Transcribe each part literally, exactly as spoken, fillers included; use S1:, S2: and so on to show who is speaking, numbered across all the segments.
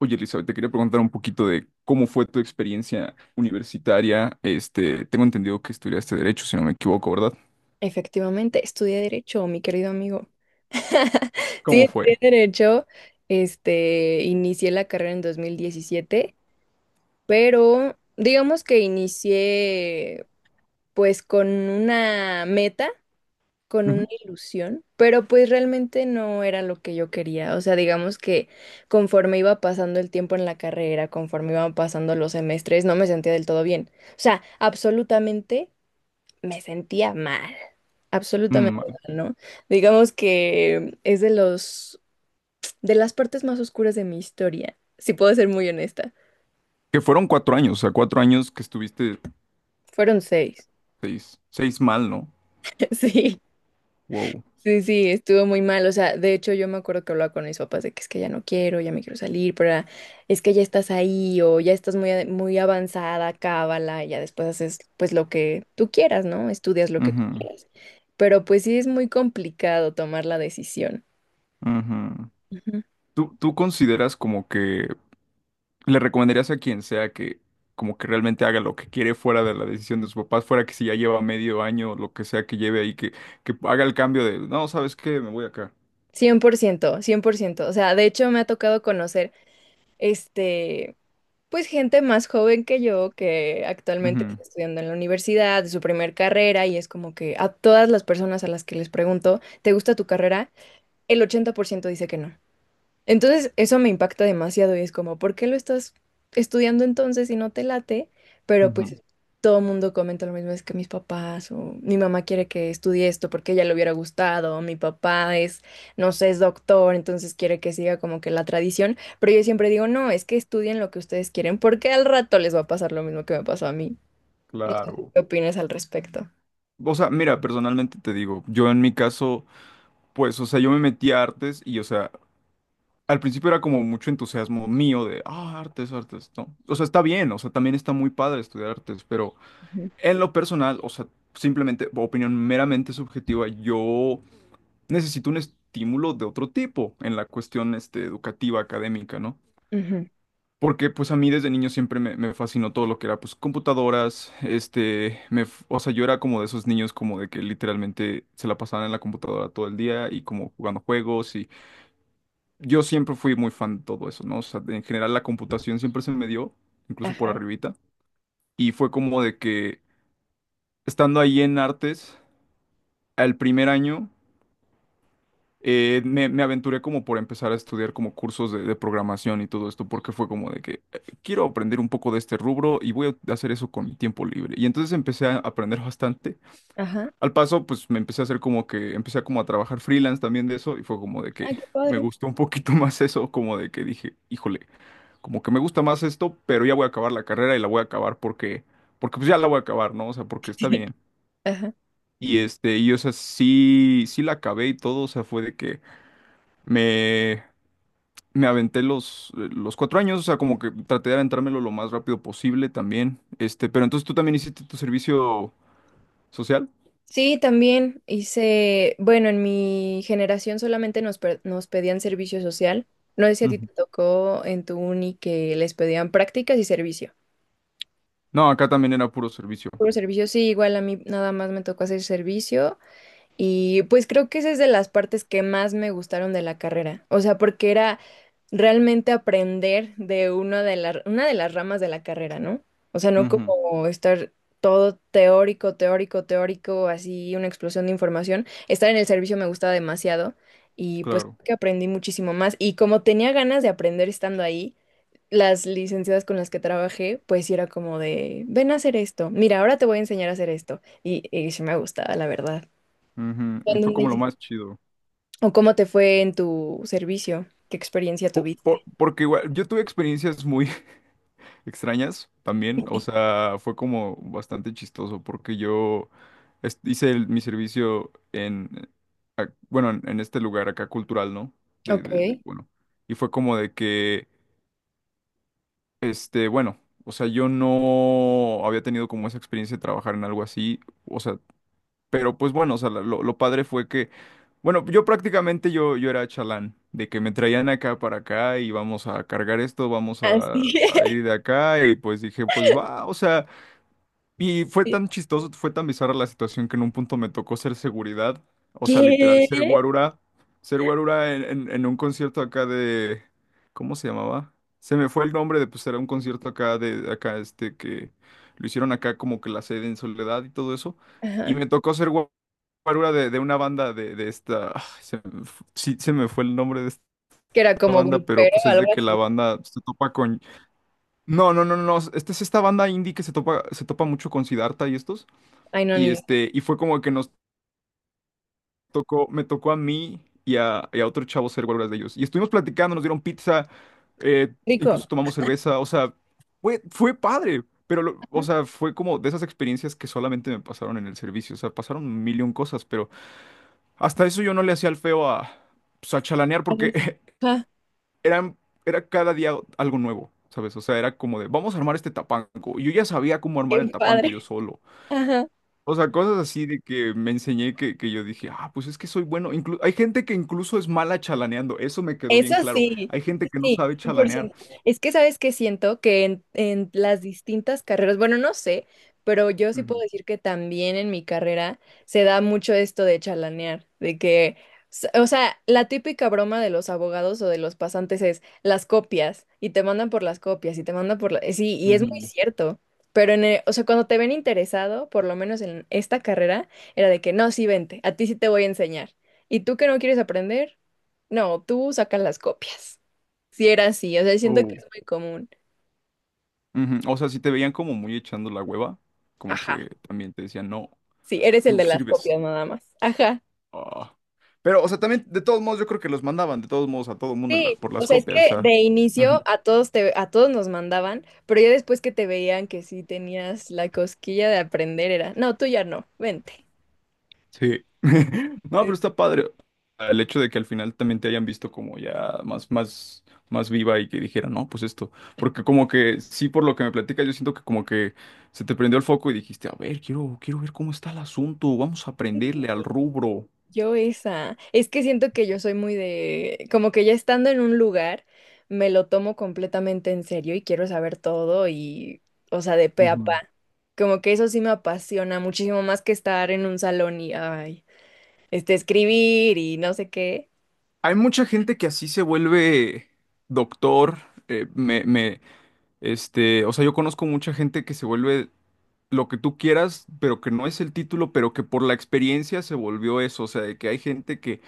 S1: Oye, Elizabeth, te quería preguntar un poquito de cómo fue tu experiencia universitaria. Este, tengo entendido que estudiaste Derecho, si no me equivoco, ¿verdad?
S2: Efectivamente, estudié derecho, mi querido amigo. Sí,
S1: ¿Cómo
S2: estudié
S1: fue?
S2: derecho. Este, inicié la carrera en dos mil diecisiete, pero digamos que inicié pues con una meta, con una
S1: Ujú.
S2: ilusión, pero pues realmente no era lo que yo quería. O sea, digamos que conforme iba pasando el tiempo en la carrera, conforme iban pasando los semestres, no me sentía del todo bien. O sea, absolutamente me sentía mal, absolutamente
S1: Mm, vale.
S2: mal, ¿no? Digamos que es de los, de las partes más oscuras de mi historia, si puedo ser muy honesta.
S1: Que fueron cuatro años, o sea, cuatro años que estuviste
S2: Fueron seis.
S1: seis, seis mal, ¿no? Wow.
S2: Sí, sí, sí, estuvo muy mal. O sea, de hecho yo me acuerdo que hablaba con mis papás de que es que ya no quiero, ya me quiero salir, pero era, es que ya estás ahí o ya estás muy, a- muy avanzada, cábala, y ya después haces pues lo que tú quieras, ¿no? Estudias lo que tú
S1: Ujú,
S2: quieras. Pero pues sí es muy complicado tomar la decisión.
S1: ujú. ¿Tú, tú consideras como que le recomendarías a quien sea que como que realmente haga lo que quiere fuera de la decisión de sus papás, fuera que si ya lleva medio año, lo que sea que lleve ahí, que, que haga el cambio de, no, ¿sabes qué? Me voy acá.
S2: cien cien por ciento, cien por ciento. O sea, de hecho me ha tocado conocer, este, pues gente más joven que yo que actualmente
S1: Ujú,
S2: está estudiando en la universidad, de su primer carrera, y es como que a todas las personas a las que les pregunto, ¿te gusta tu carrera? El ochenta por ciento dice que no. Entonces, eso me impacta demasiado y es como, ¿por qué lo estás estudiando entonces si no te late? Pero
S1: ujú.
S2: pues todo el mundo comenta lo mismo, es que mis papás o mi mamá quiere que estudie esto porque a ella le hubiera gustado, o mi papá es, no sé, es doctor, entonces quiere que siga como que la tradición, pero yo siempre digo, no, es que estudien lo que ustedes quieren porque al rato les va a pasar lo mismo que me pasó a mí. No sé tú
S1: Claro.
S2: qué opinas al respecto.
S1: O sea, mira, personalmente te digo, yo en mi caso, pues, o sea, yo me metí a artes y, o sea, al principio era como mucho entusiasmo mío de, ah, artes, artes, no. O sea, está bien, o sea, también está muy padre estudiar artes, pero
S2: Ujú.
S1: en lo personal, o sea, simplemente, opinión meramente subjetiva, yo necesito un estímulo de otro tipo en la cuestión, este, educativa, académica, ¿no?
S2: Ujú.
S1: Porque pues a mí desde niño siempre me, me fascinó todo lo que era pues computadoras, este, me, f- o sea, yo era como de esos niños como de que literalmente se la pasaban en la computadora todo el día y como jugando juegos y yo siempre fui muy fan de todo eso, ¿no? O sea, en general la computación siempre se me dio, incluso por
S2: Ajá,
S1: arribita, y fue como de que estando ahí en artes, al primer año eh, me, me aventuré como por empezar a estudiar como cursos de, de programación y todo esto, porque fue como de que eh, quiero aprender un poco de este rubro y voy a hacer eso con mi tiempo libre. Y entonces empecé a aprender bastante.
S2: ajá.
S1: Al paso, pues me empecé a hacer como que, empecé a como a trabajar freelance también de eso y fue como de
S2: Ay,
S1: que
S2: qué
S1: me
S2: padre.
S1: gustó un poquito más eso, como de que dije, híjole, como que me gusta más esto, pero ya voy a acabar la carrera y la voy a acabar porque, porque pues ya la voy a acabar, ¿no? O sea, porque está
S2: Sí.
S1: bien.
S2: Ajá.
S1: Y este, y o sea, sí, sí la acabé y todo, o sea, fue de que me... Me aventé los, eh, los cuatro años, o sea, como que traté de aventármelo lo más rápido posible también. Este, pero entonces tú también hiciste tu servicio social.
S2: Sí, también hice, bueno, en mi generación solamente nos, pe- nos pedían servicio social. No sé si a ti
S1: Ujú.
S2: te tocó en tu uni que les pedían prácticas y servicio.
S1: No, acá también era puro servicio.
S2: Puro servicio, sí, igual a mí nada más me tocó hacer servicio y pues creo que esa es de las partes que más me gustaron de la carrera. O sea, porque era realmente aprender de una de las, una de las ramas de la carrera, ¿no? O sea, no
S1: Ujú,
S2: como estar todo teórico, teórico, teórico, así una explosión de información. Estar en el servicio me gustaba demasiado y pues
S1: claro.
S2: creo que aprendí muchísimo más. Y como tenía ganas de aprender estando ahí, las licenciadas con las que trabajé, pues sí era como de, ven a hacer esto, mira, ahora te voy a enseñar a hacer esto. Y, y sí me gustaba, la verdad. ¿Tú
S1: Ujú, y
S2: en
S1: fue como lo
S2: dónde
S1: más chido.
S2: ¿O cómo te fue en tu servicio? ¿Qué experiencia
S1: Po- por-
S2: tuviste?
S1: porque igual, yo tuve experiencias muy extrañas también. O sea, fue como bastante chistoso porque yo es- hice el- mi servicio en, eh, ac- bueno, en, en este lugar acá cultural, ¿no? de,
S2: Ok.
S1: de, de- bueno. Y fue como de que Este, bueno, o sea, yo no había tenido como esa experiencia de trabajar en algo así, o sea, pero pues bueno, o sea, la- lo, lo padre fue que, bueno, yo prácticamente yo, yo era chalán, de que me traían acá para acá y vamos a cargar esto, vamos a,
S2: Así
S1: a
S2: es.
S1: ir de acá y pues dije, pues va, o sea, y fue tan chistoso, fue tan bizarra la situación que en un punto me tocó ser seguridad, o sea, literal,
S2: ¿Qué?
S1: ser guarura, ser guarura en, en- en un concierto acá de, ¿cómo se llamaba? Se me fue el nombre de, pues era un concierto acá de, acá este, que lo hicieron acá como que la sede en Soledad y todo eso, y
S2: Ajá.
S1: me tocó ser gua- guarura de, de una banda de, de esta, ay, se me fu- sí, se me fue el nombre de esta
S2: Que era como
S1: banda, pero
S2: grupero
S1: pues
S2: o
S1: es de
S2: algo
S1: que
S2: así.
S1: la banda se topa con, no, no, no, no, no, esta es esta banda indie que se topa, se topa mucho con Siddhartha y estos.
S2: Ay, no, ni
S1: Y
S2: idea.
S1: este, y fue como que nos tocó, me tocó a mí y a, y a otro chavo ser huelgas de ellos. Y estuvimos platicando, nos dieron pizza, eh,
S2: Rico.
S1: incluso tomamos cerveza, o sea, fue, fue padre, pero, lo- o
S2: Ajá.
S1: sea, fue como de esas experiencias que solamente me pasaron en el servicio, o sea, pasaron un millón cosas, pero hasta eso yo no le hacía el feo a, pues, a chalanear porque
S2: Ajá.
S1: eran, era cada día algo nuevo, ¿sabes? O sea, era como de, vamos a armar este tapanco. Yo ya sabía cómo armar el
S2: Qué
S1: tapanco
S2: padre.
S1: yo solo.
S2: Ajá.
S1: O sea, cosas así de que me enseñé que, que yo dije, ah, pues es que soy bueno. Inclu- hay gente que incluso es mala chalaneando, eso me quedó
S2: Eso
S1: bien claro.
S2: sí,
S1: Hay gente que no
S2: sí,
S1: sabe chalanear.
S2: cien por ciento. Es que sabes que siento que en, en las distintas carreras, bueno, no sé, pero yo sí puedo
S1: Ujú,
S2: decir que también en mi carrera se da mucho esto de chalanear, de que, s- o sea, la típica broma de los abogados o de los pasantes es las copias y te mandan por las copias y te mandan por la... Sí, y es muy
S1: ujú,
S2: cierto. Pero en el- o sea, cuando te ven interesado, por lo menos en esta carrera, era de que no, sí, vente, a ti sí te voy a enseñar. ¿Y tú que no quieres aprender? No, tú sacas las copias. Si era así, o sea, siento que
S1: oh,
S2: es muy común.
S1: ujú. O sea, si te veían como muy echando la hueva, como
S2: Ajá,
S1: que también te decían, no,
S2: sí, eres
S1: tú
S2: el
S1: no
S2: de las
S1: sirves.
S2: copias nada más. Ajá.
S1: Ah. Pero, o sea, también, de todos modos, yo creo que los mandaban, de todos modos, a todo mundo en la-
S2: Sí,
S1: por
S2: o
S1: las
S2: sea, es
S1: copias, o
S2: que
S1: sea.
S2: de inicio a todos te, a todos nos mandaban, pero ya después que te veían que sí tenías la cosquilla de aprender era, no, tú ya no, vente.
S1: Sí. No, pero está padre. El hecho de que al final también te hayan visto como ya más, más, más viva y que dijeran, no, pues esto. Porque como que, sí, por lo que me platicas, yo siento que como que se te prendió el foco y dijiste, a ver, quiero, quiero ver cómo está el asunto, vamos a aprenderle al rubro.
S2: Yo esa. Es que siento que yo soy muy de, como que ya estando en un lugar, me lo tomo completamente en serio y quiero saber todo y, o sea, de pe a pa.
S1: Ujú.
S2: Como que eso sí me apasiona muchísimo más que estar en un salón y, ay, este, escribir y no sé qué.
S1: Hay mucha gente que así se vuelve doctor. eh, me, me, este, o sea, yo conozco mucha gente que se vuelve lo que tú quieras, pero que no es el título, pero que por la experiencia se volvió eso, o sea, de que hay gente que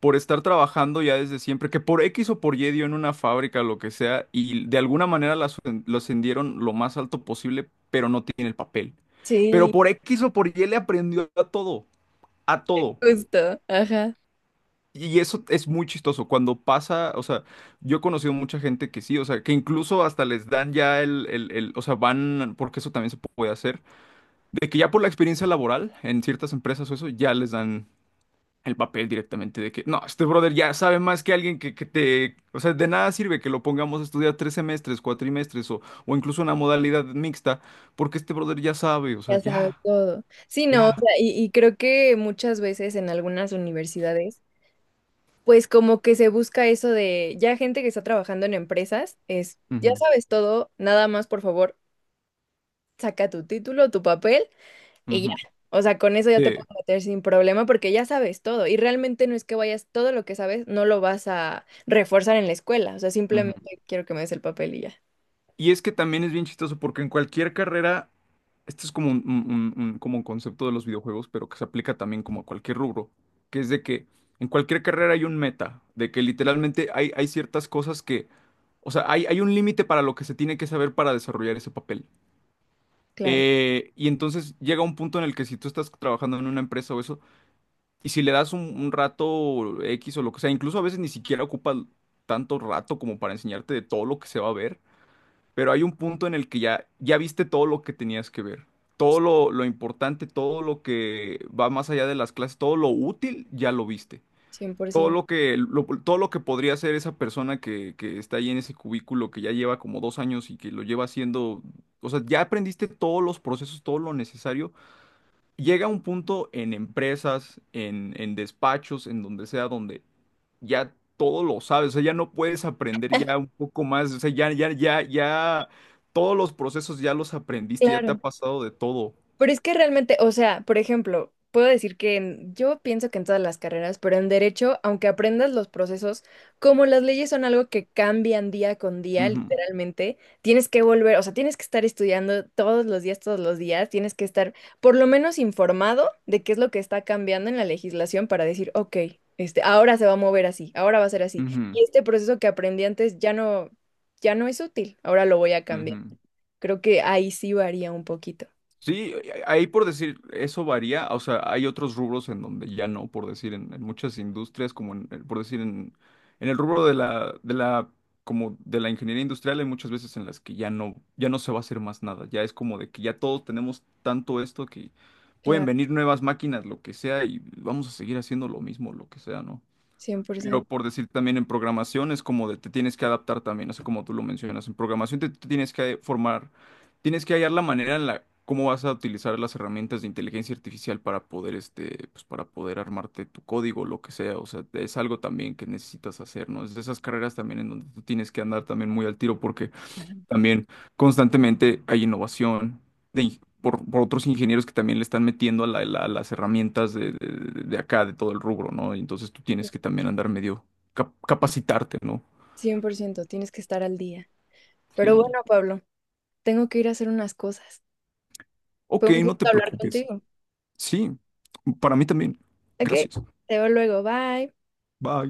S1: por estar trabajando ya desde siempre, que por X o por Y dio en una fábrica, lo que sea, y de alguna manera la asen- lo ascendieron lo más alto posible, pero no tiene el papel. Pero
S2: Sí,
S1: por X o por Y le aprendió a todo, a todo.
S2: justo, ajá.
S1: Y eso es muy chistoso. Cuando pasa, o sea, yo he conocido mucha gente que sí, o sea, que incluso hasta les dan ya el, el, el, o sea, van, porque eso también se puede hacer de que ya por la experiencia laboral en ciertas empresas o eso, ya les dan el papel directamente de que, no, este brother ya sabe más que alguien que, que te... O sea, de nada sirve que lo pongamos a estudiar tres semestres, cuatrimestres o, o incluso una modalidad mixta, porque este brother ya sabe, o sea,
S2: Ya sabes
S1: ya,
S2: todo. Sí, no, o
S1: ya.
S2: sea, y, y creo que muchas veces en algunas universidades. Pues como que se busca eso de ya gente que está trabajando en empresas, es, ya
S1: Ujú,
S2: sabes todo, nada más por favor, saca tu título, tu papel y ya.
S1: ujú,
S2: O sea, con eso ya te
S1: sí,
S2: puedes meter sin problema porque ya sabes todo y realmente no es que vayas, todo lo que sabes no lo vas a reforzar en la escuela, o sea,
S1: ujú.
S2: simplemente quiero que me des el papel y ya.
S1: Y es que también es bien chistoso porque en cualquier carrera, esto es como un, un- un- un- como un concepto de los videojuegos, pero que se aplica también como a cualquier rubro, que es de que en cualquier carrera hay un meta, de que literalmente hay, hay ciertas cosas que, o sea, hay, hay un límite para lo que se tiene que saber para desarrollar ese papel.
S2: Claro,
S1: Eh, y entonces llega un punto en el que si tú estás trabajando en una empresa o eso, y si le das un, un rato X o lo que sea, incluso a veces ni siquiera ocupa tanto rato como para enseñarte de todo lo que se va a ver pero hay un punto en el que ya, ya viste todo lo que tenías que ver. Todo lo, lo importante, todo lo que va más allá de las clases, todo lo útil, ya lo viste. Todo
S2: cien por ciento.
S1: lo que, lo- todo lo que podría hacer esa persona que, que está ahí en ese cubículo, que ya lleva como dos años y que lo lleva haciendo, o sea, ya aprendiste todos los procesos, todo lo necesario. Llega un punto en empresas, en, en despachos, en donde sea, donde ya todo lo sabes, o sea, ya no puedes aprender ya un poco más, o sea, ya, ya, ya, ya, todos los procesos ya los aprendiste, ya te ha
S2: Claro.
S1: pasado de todo.
S2: Pero es que realmente, o sea, por ejemplo, puedo decir que en- yo pienso que en todas las carreras, pero en derecho, aunque aprendas los procesos, como las leyes son algo que cambian día con día,
S1: Ujú,
S2: literalmente, tienes que volver, o sea, tienes que estar estudiando todos los días, todos los días, tienes que estar por lo menos informado de qué es lo que está cambiando en la legislación para decir, ok, este, ahora se va a mover así, ahora va a ser así.
S1: ujú,
S2: Y este proceso que aprendí antes ya no, ya no es útil, ahora lo voy a cambiar.
S1: ujú.
S2: Creo que ahí sí varía un poquito.
S1: Sí, ahí por decir, eso varía, o sea, hay otros rubros en donde ya no, por decir, en, en muchas industrias, como en, en- por decir, en, en el rubro de la, de la, como de la ingeniería industrial, hay muchas veces en las que ya no, ya no se va a hacer más nada, ya es como de que ya todos tenemos tanto esto que pueden
S2: Claro.
S1: venir nuevas máquinas, lo que sea, y vamos a seguir haciendo lo mismo, lo que sea, ¿no?
S2: cien cien por
S1: Pero
S2: ciento,
S1: por decir también en programación es como de te tienes que adaptar también, así como tú lo mencionas. En programación te, te tienes que formar, tienes que hallar la manera en la cómo vas a utilizar las herramientas de inteligencia artificial para poder este, pues para poder armarte tu código, lo que sea. O sea, es algo también que necesitas hacer, ¿no? Es de esas carreras también en donde tú tienes que andar también muy al tiro porque también constantemente hay innovación de ing- por, por otros ingenieros que también le están metiendo a, la- la- las herramientas de, de- de- de acá, de todo el rubro, ¿no? Y entonces tú tienes que también andar medio cap- capacitarte, ¿no?
S2: cien por ciento, tienes que estar al día. Pero
S1: Sí.
S2: bueno, Pablo, tengo que ir a hacer unas cosas. Fue
S1: Ok,
S2: un
S1: no te
S2: gusto hablar
S1: preocupes.
S2: contigo.
S1: Sí, para mí también.
S2: Ok, te
S1: Gracias.
S2: veo luego, bye.
S1: Bye.